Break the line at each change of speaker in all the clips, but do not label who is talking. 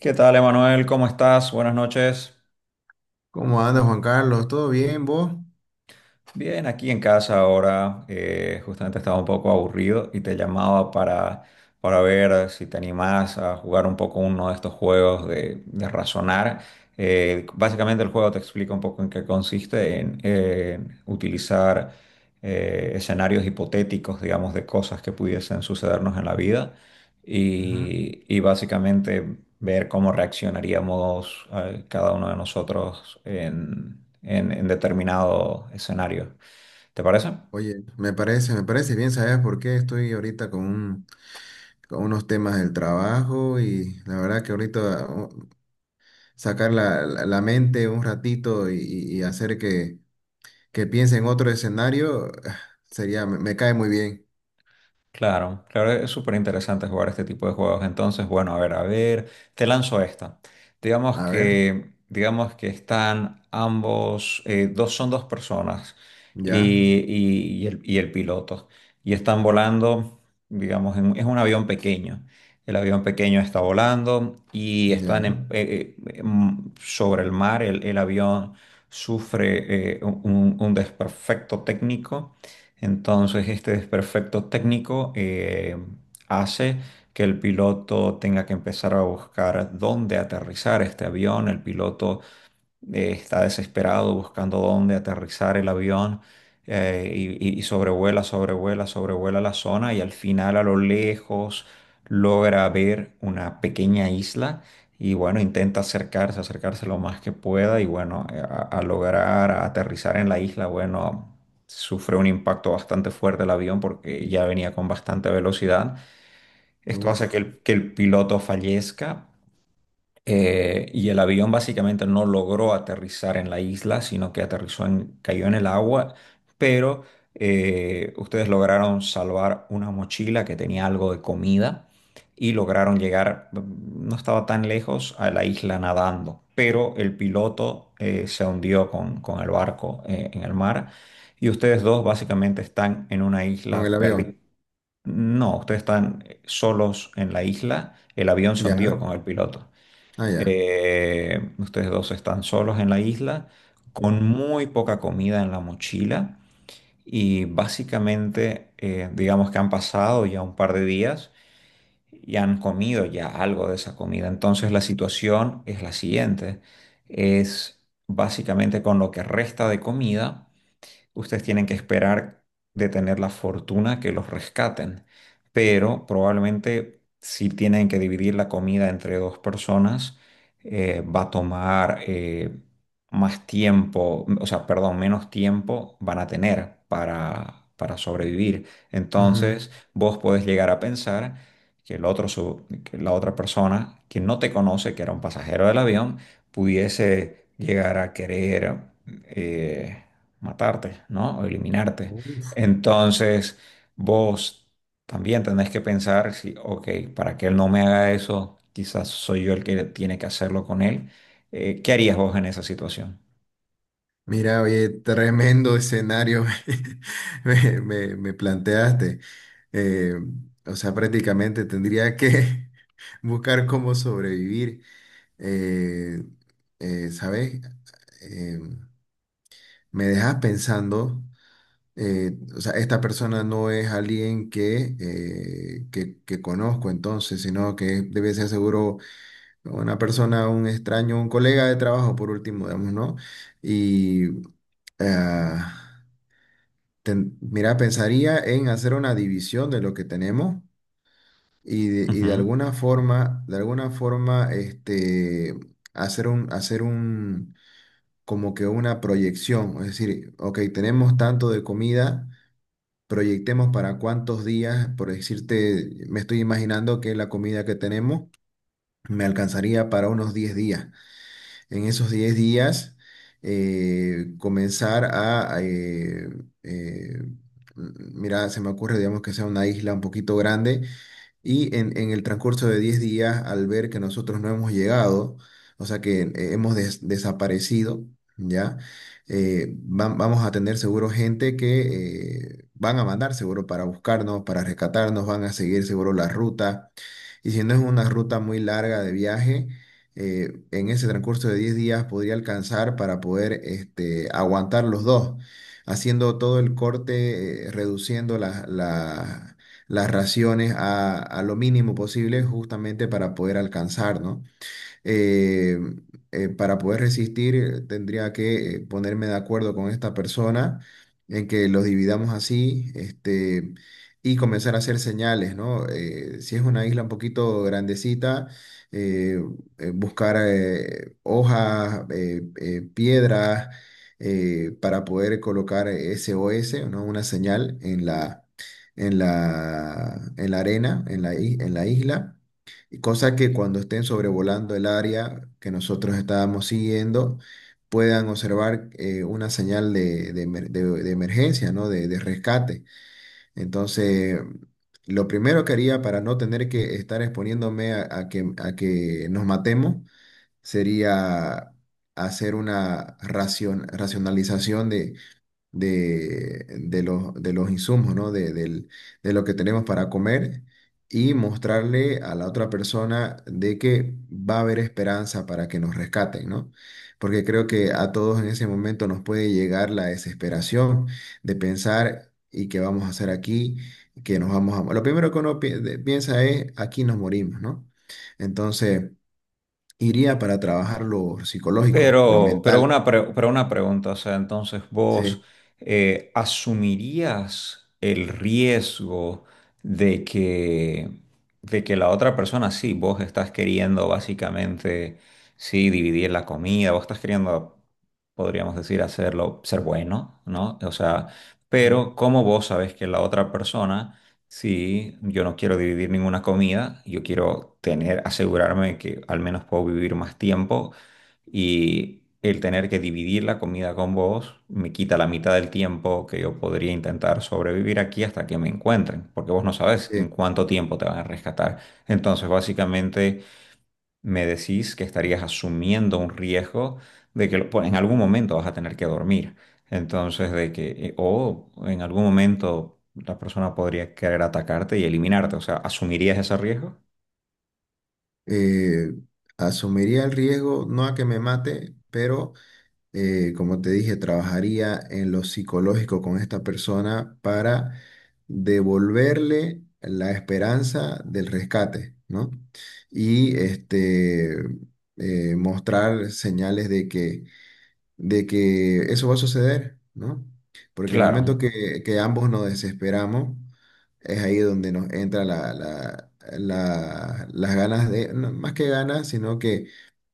¿Qué tal, Emanuel? ¿Cómo estás? Buenas noches.
¿Cómo andas, Juan Carlos? ¿Todo bien, vos?
Bien, aquí en casa ahora. Justamente estaba un poco aburrido y te llamaba para ver si te animás a jugar un poco uno de estos juegos de razonar. Básicamente el juego te explica un poco en qué consiste en utilizar escenarios hipotéticos, digamos, de cosas que pudiesen sucedernos en la vida
Ujú.
y básicamente ver cómo reaccionaríamos cada uno de nosotros en determinado escenario. ¿Te parece?
Oye, me parece bien, ¿sabes por qué? Estoy ahorita con unos temas del trabajo y la verdad que ahorita sacar la mente un ratito y hacer que piense en otro escenario, sería, me cae muy bien.
Claro, claro, es súper interesante jugar este tipo de juegos. Entonces, bueno, a ver, te lanzo esta. Digamos
A ver,
que, digamos que están ambos, dos son dos personas
ya,
y, y el piloto. Y están volando, digamos, es un avión pequeño. El avión pequeño está volando y están
ya,
sobre el mar. El avión sufre un desperfecto técnico. Entonces, este desperfecto técnico hace que el piloto tenga que empezar a buscar dónde aterrizar este avión. El piloto está desesperado buscando dónde aterrizar el avión, y sobrevuela, sobrevuela, sobrevuela la zona y al final a lo lejos logra ver una pequeña isla y bueno, intenta acercarse lo más que pueda y bueno, a lograr aterrizar en la isla. Bueno, sufre un impacto bastante fuerte el avión porque ya venía con bastante velocidad. Esto
uf,
hace que el piloto fallezca, y el avión básicamente no logró aterrizar en la isla, sino que cayó en el agua, pero ustedes lograron salvar una mochila que tenía algo de comida y lograron llegar, no estaba tan lejos, a la isla nadando, pero el piloto se hundió con el barco en el mar y ustedes dos básicamente están en una
con el
isla perdida.
avión,
No, ustedes están solos en la isla, el avión se
ya,
hundió con el piloto.
ah, ya.
Ustedes dos están solos en la isla, con muy poca comida en la mochila y básicamente, digamos que han pasado ya un par de días y han comido ya algo de esa comida. Entonces la situación es la siguiente, es básicamente: con lo que resta de comida ustedes tienen que esperar de tener la fortuna que los rescaten. Pero probablemente si tienen que dividir la comida entre dos personas, va a tomar más tiempo, o sea, perdón, menos tiempo van a tener para sobrevivir.
Ujú.
Entonces, vos podés llegar a pensar que que la otra persona que no te conoce, que era un pasajero del avión, pudiese llegar a querer eh, matarte, ¿no? O eliminarte.
Uf.
Entonces, vos también tenés que pensar si, ok, para que él no me haga eso, quizás soy yo el que tiene que hacerlo con él. ¿Qué harías vos en esa situación?
Mira, oye, tremendo escenario me planteaste. Eh, o sea, prácticamente tendría que buscar cómo sobrevivir. Eh, ¿Sabes? Eh, Me dejas pensando, o sea, esta persona no es alguien que, que conozco entonces, sino que debe ser seguro una persona, un extraño, un colega de trabajo, por último, digamos, ¿no? Y... Ah, mira, pensaría en hacer una división de lo que tenemos y
Ujú.
de alguna forma, este, hacer un, como que una proyección. Es decir, ok, tenemos tanto de comida, proyectemos para cuántos días, por decirte, me estoy imaginando que la comida que tenemos me alcanzaría para unos 10 días. En esos 10 días comenzar a, eh, mira, se me ocurre, digamos, que sea una isla un poquito grande y en el transcurso de 10 días, al ver que nosotros no hemos llegado, o sea, que hemos desaparecido, ¿ya? Vamos a tener seguro gente que van a mandar seguro para buscarnos, para rescatarnos, van a seguir seguro la ruta. Y si no es una ruta muy larga de viaje, en ese transcurso de 10 días podría alcanzar para poder este, aguantar los dos, haciendo todo el corte, reduciendo las raciones a lo mínimo posible justamente para poder alcanzar, ¿no? eh, para poder resistir, tendría que ponerme de acuerdo con esta persona en que los dividamos así, este, y comenzar a hacer señales, ¿no? Si es una isla un poquito grandecita, eh, buscar hojas, piedras, para poder colocar SOS, ¿no? Una señal en en la arena, en en la isla y cosa que cuando estén sobrevolando el área que nosotros estábamos siguiendo, puedan observar una señal de de emergencia, ¿no? De rescate. Entonces, lo primero que haría para no tener que estar exponiéndome a que nos matemos sería hacer una racionalización de los insumos, ¿no? De lo que tenemos para comer y mostrarle a la otra persona de que va a haber esperanza para que nos rescaten, ¿no? Porque creo que a todos en ese momento nos puede llegar la desesperación de pensar, ¿y qué vamos a hacer aquí? Que nos vamos a... Lo primero que uno piensa es, aquí nos morimos, ¿no? Entonces, iría para trabajar lo psicológico, lo mental.
Pero una pregunta, o sea, entonces vos
Sí.
asumirías el riesgo de que, de que la otra persona, sí, vos estás queriendo básicamente, sí, dividir la comida, vos estás queriendo, podríamos decir, hacerlo, ser bueno, ¿no? O sea,
Ujú.
pero como vos sabes que la otra persona, sí, yo no quiero dividir ninguna comida, yo quiero tener, asegurarme que al menos puedo vivir más tiempo? Y el tener que dividir la comida con vos me quita la mitad del tiempo que yo podría intentar sobrevivir aquí hasta que me encuentren, porque vos no sabes en
Sí.
cuánto tiempo te van a rescatar. Entonces, básicamente, me decís que estarías asumiendo un riesgo de que pues, en algún momento vas a tener que dormir. Entonces, o en algún momento la persona podría querer atacarte y eliminarte. O sea, ¿asumirías ese riesgo?
eh, asumiría el riesgo, no a que me mate, pero como te dije, trabajaría en lo psicológico con esta persona para devolverle la esperanza del rescate, ¿no? Y este, mostrar señales de que eso va a suceder, ¿no? Porque en el
Claro.
momento que ambos nos desesperamos, es ahí donde nos entra las ganas de, no, más que ganas, sino que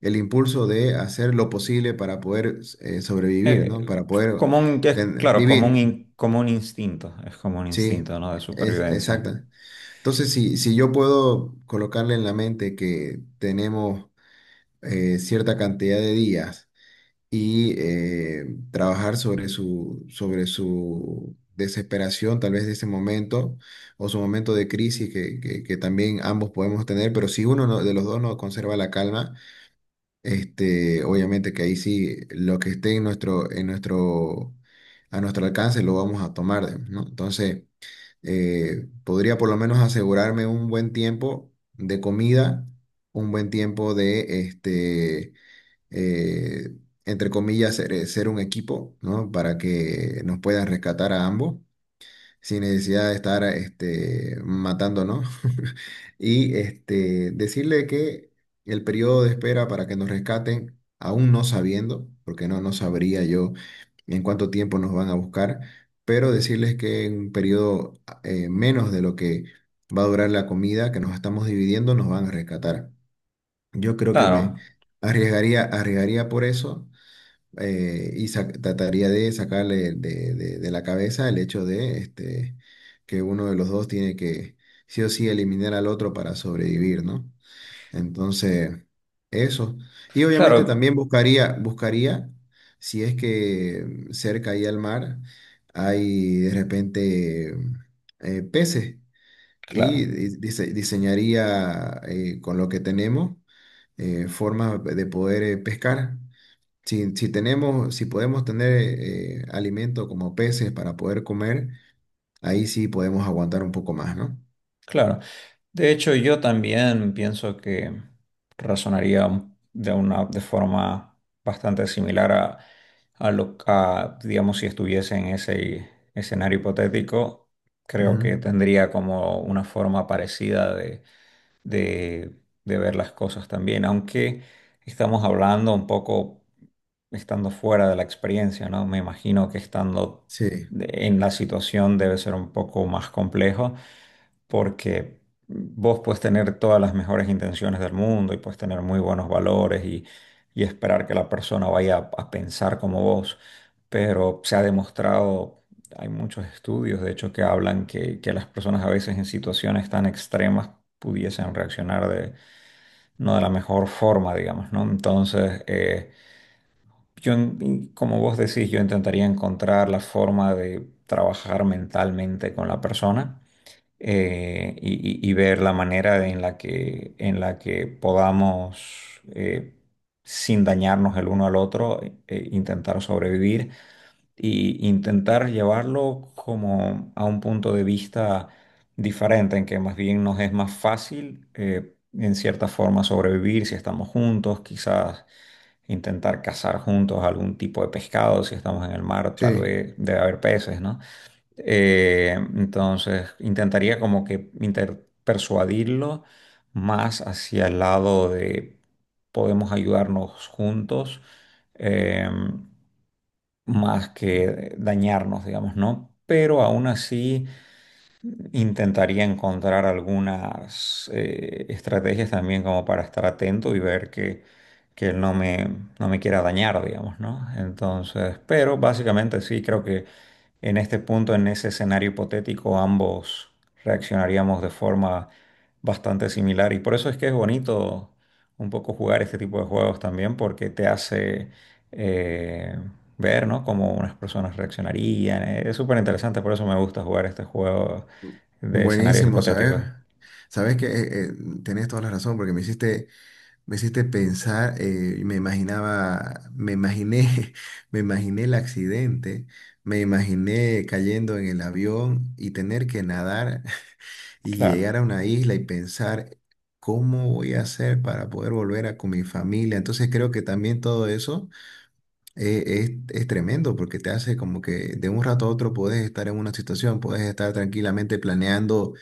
el impulso de hacer lo posible para poder sobrevivir, ¿no?
Eh,
Para poder
claro,
vivir,
como un instinto, es como un
¿sí?
instinto, ¿no? De
Es,
supervivencia.
exacta. Entonces, si yo puedo colocarle en la mente que tenemos cierta cantidad de días, y trabajar sobre su desesperación, tal vez de ese momento, o su momento de crisis que que también ambos podemos tener, pero si uno de los dos no conserva la calma, este, obviamente que ahí sí lo que esté en nuestro, a nuestro alcance lo vamos a tomar, ¿no? Entonces, podría por lo menos asegurarme un buen tiempo de comida, un buen tiempo de este eh, entre comillas, ser, ser un equipo, ¿no? Para que nos puedan rescatar a ambos sin necesidad de estar este, matándonos. Y este, decirle que el periodo de espera para que nos rescaten, aún no sabiendo, porque no sabría yo en cuánto tiempo nos van a buscar, pero decirles que en un periodo menos de lo que va a durar la comida que nos estamos dividiendo, nos van a rescatar. Yo creo que me
Claro,
arriesgaría por eso y trataría de sacarle de la cabeza el hecho de este, que uno de los dos tiene que sí o sí eliminar al otro para sobrevivir, ¿no? Entonces, eso. Y obviamente
claro,
también buscaría, si es que cerca ahí al mar hay de repente peces
claro,
y diseñaría con lo que tenemos formas de poder pescar. Si tenemos, si podemos tener alimento como peces para poder comer, ahí sí podemos aguantar un poco más, ¿no?
claro. De hecho, yo también pienso que razonaría de forma bastante similar a digamos, si estuviese en ese escenario hipotético, creo
Ujú.
que tendría como una forma parecida de, de ver las cosas también, aunque estamos hablando un poco Estando fuera de la experiencia, ¿no? Me imagino que estando
Sí,
en la situación debe ser un poco más complejo porque vos puedes tener todas las mejores intenciones del mundo y puedes tener muy buenos valores y esperar que la persona vaya a pensar como vos, pero se ha demostrado, hay muchos estudios de hecho que hablan que las personas a veces en situaciones tan extremas pudiesen reaccionar de no de la mejor forma, digamos, ¿no? Entonces, como vos decís, yo intentaría encontrar la forma de trabajar mentalmente con la persona eh, y, y ver la manera en en la que podamos, sin dañarnos el uno al otro, intentar sobrevivir y intentar llevarlo como a un punto de vista diferente, en que más bien nos es más fácil, en cierta forma, sobrevivir si estamos juntos, quizás intentar cazar juntos algún tipo de pescado, si estamos en el mar, tal
sí,
vez debe haber peces, ¿no? Entonces, intentaría como que persuadirlo más hacia el lado de podemos ayudarnos juntos, eh, más que dañarnos, digamos, ¿no? Pero aún así intentaría encontrar algunas estrategias también como para estar atento y ver que él no me, no me quiera dañar, digamos, ¿no? Entonces, pero básicamente sí, creo que en este punto, en ese escenario hipotético, ambos reaccionaríamos de forma bastante similar y por eso es que es bonito un poco jugar este tipo de juegos también porque te hace... eh, ver, ¿no? Cómo unas personas reaccionarían. Es súper interesante, por eso me gusta jugar este juego de escenarios
buenísimo, ¿sabes?
hipotéticos.
Sabes que tenés toda la razón porque me hiciste pensar, y me imaginé, me imaginé el accidente, me imaginé cayendo en el avión y tener que nadar y
Claro,
llegar a una isla y pensar cómo voy a hacer para poder volver a con mi familia. Entonces creo que también todo eso eh, es tremendo porque te hace como que de un rato a otro puedes estar en una situación, puedes estar tranquilamente planeando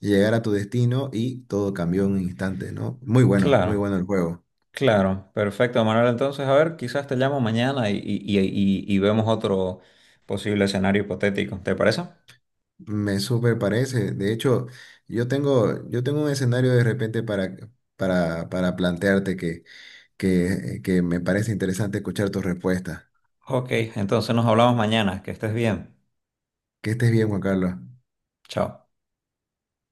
llegar a tu destino y todo cambió en un instante, ¿no? Muy bueno, muy
claro,
bueno el juego.
claro. Perfecto, Manuel. Entonces, a ver, quizás te llamo mañana y vemos otro posible escenario hipotético. ¿Te parece?
Me súper parece. De hecho, yo tengo un escenario de repente para plantearte que me parece interesante escuchar tu respuesta.
Ok, entonces nos hablamos mañana. Que estés bien.
Que estés bien, Juan Carlos.
Chao.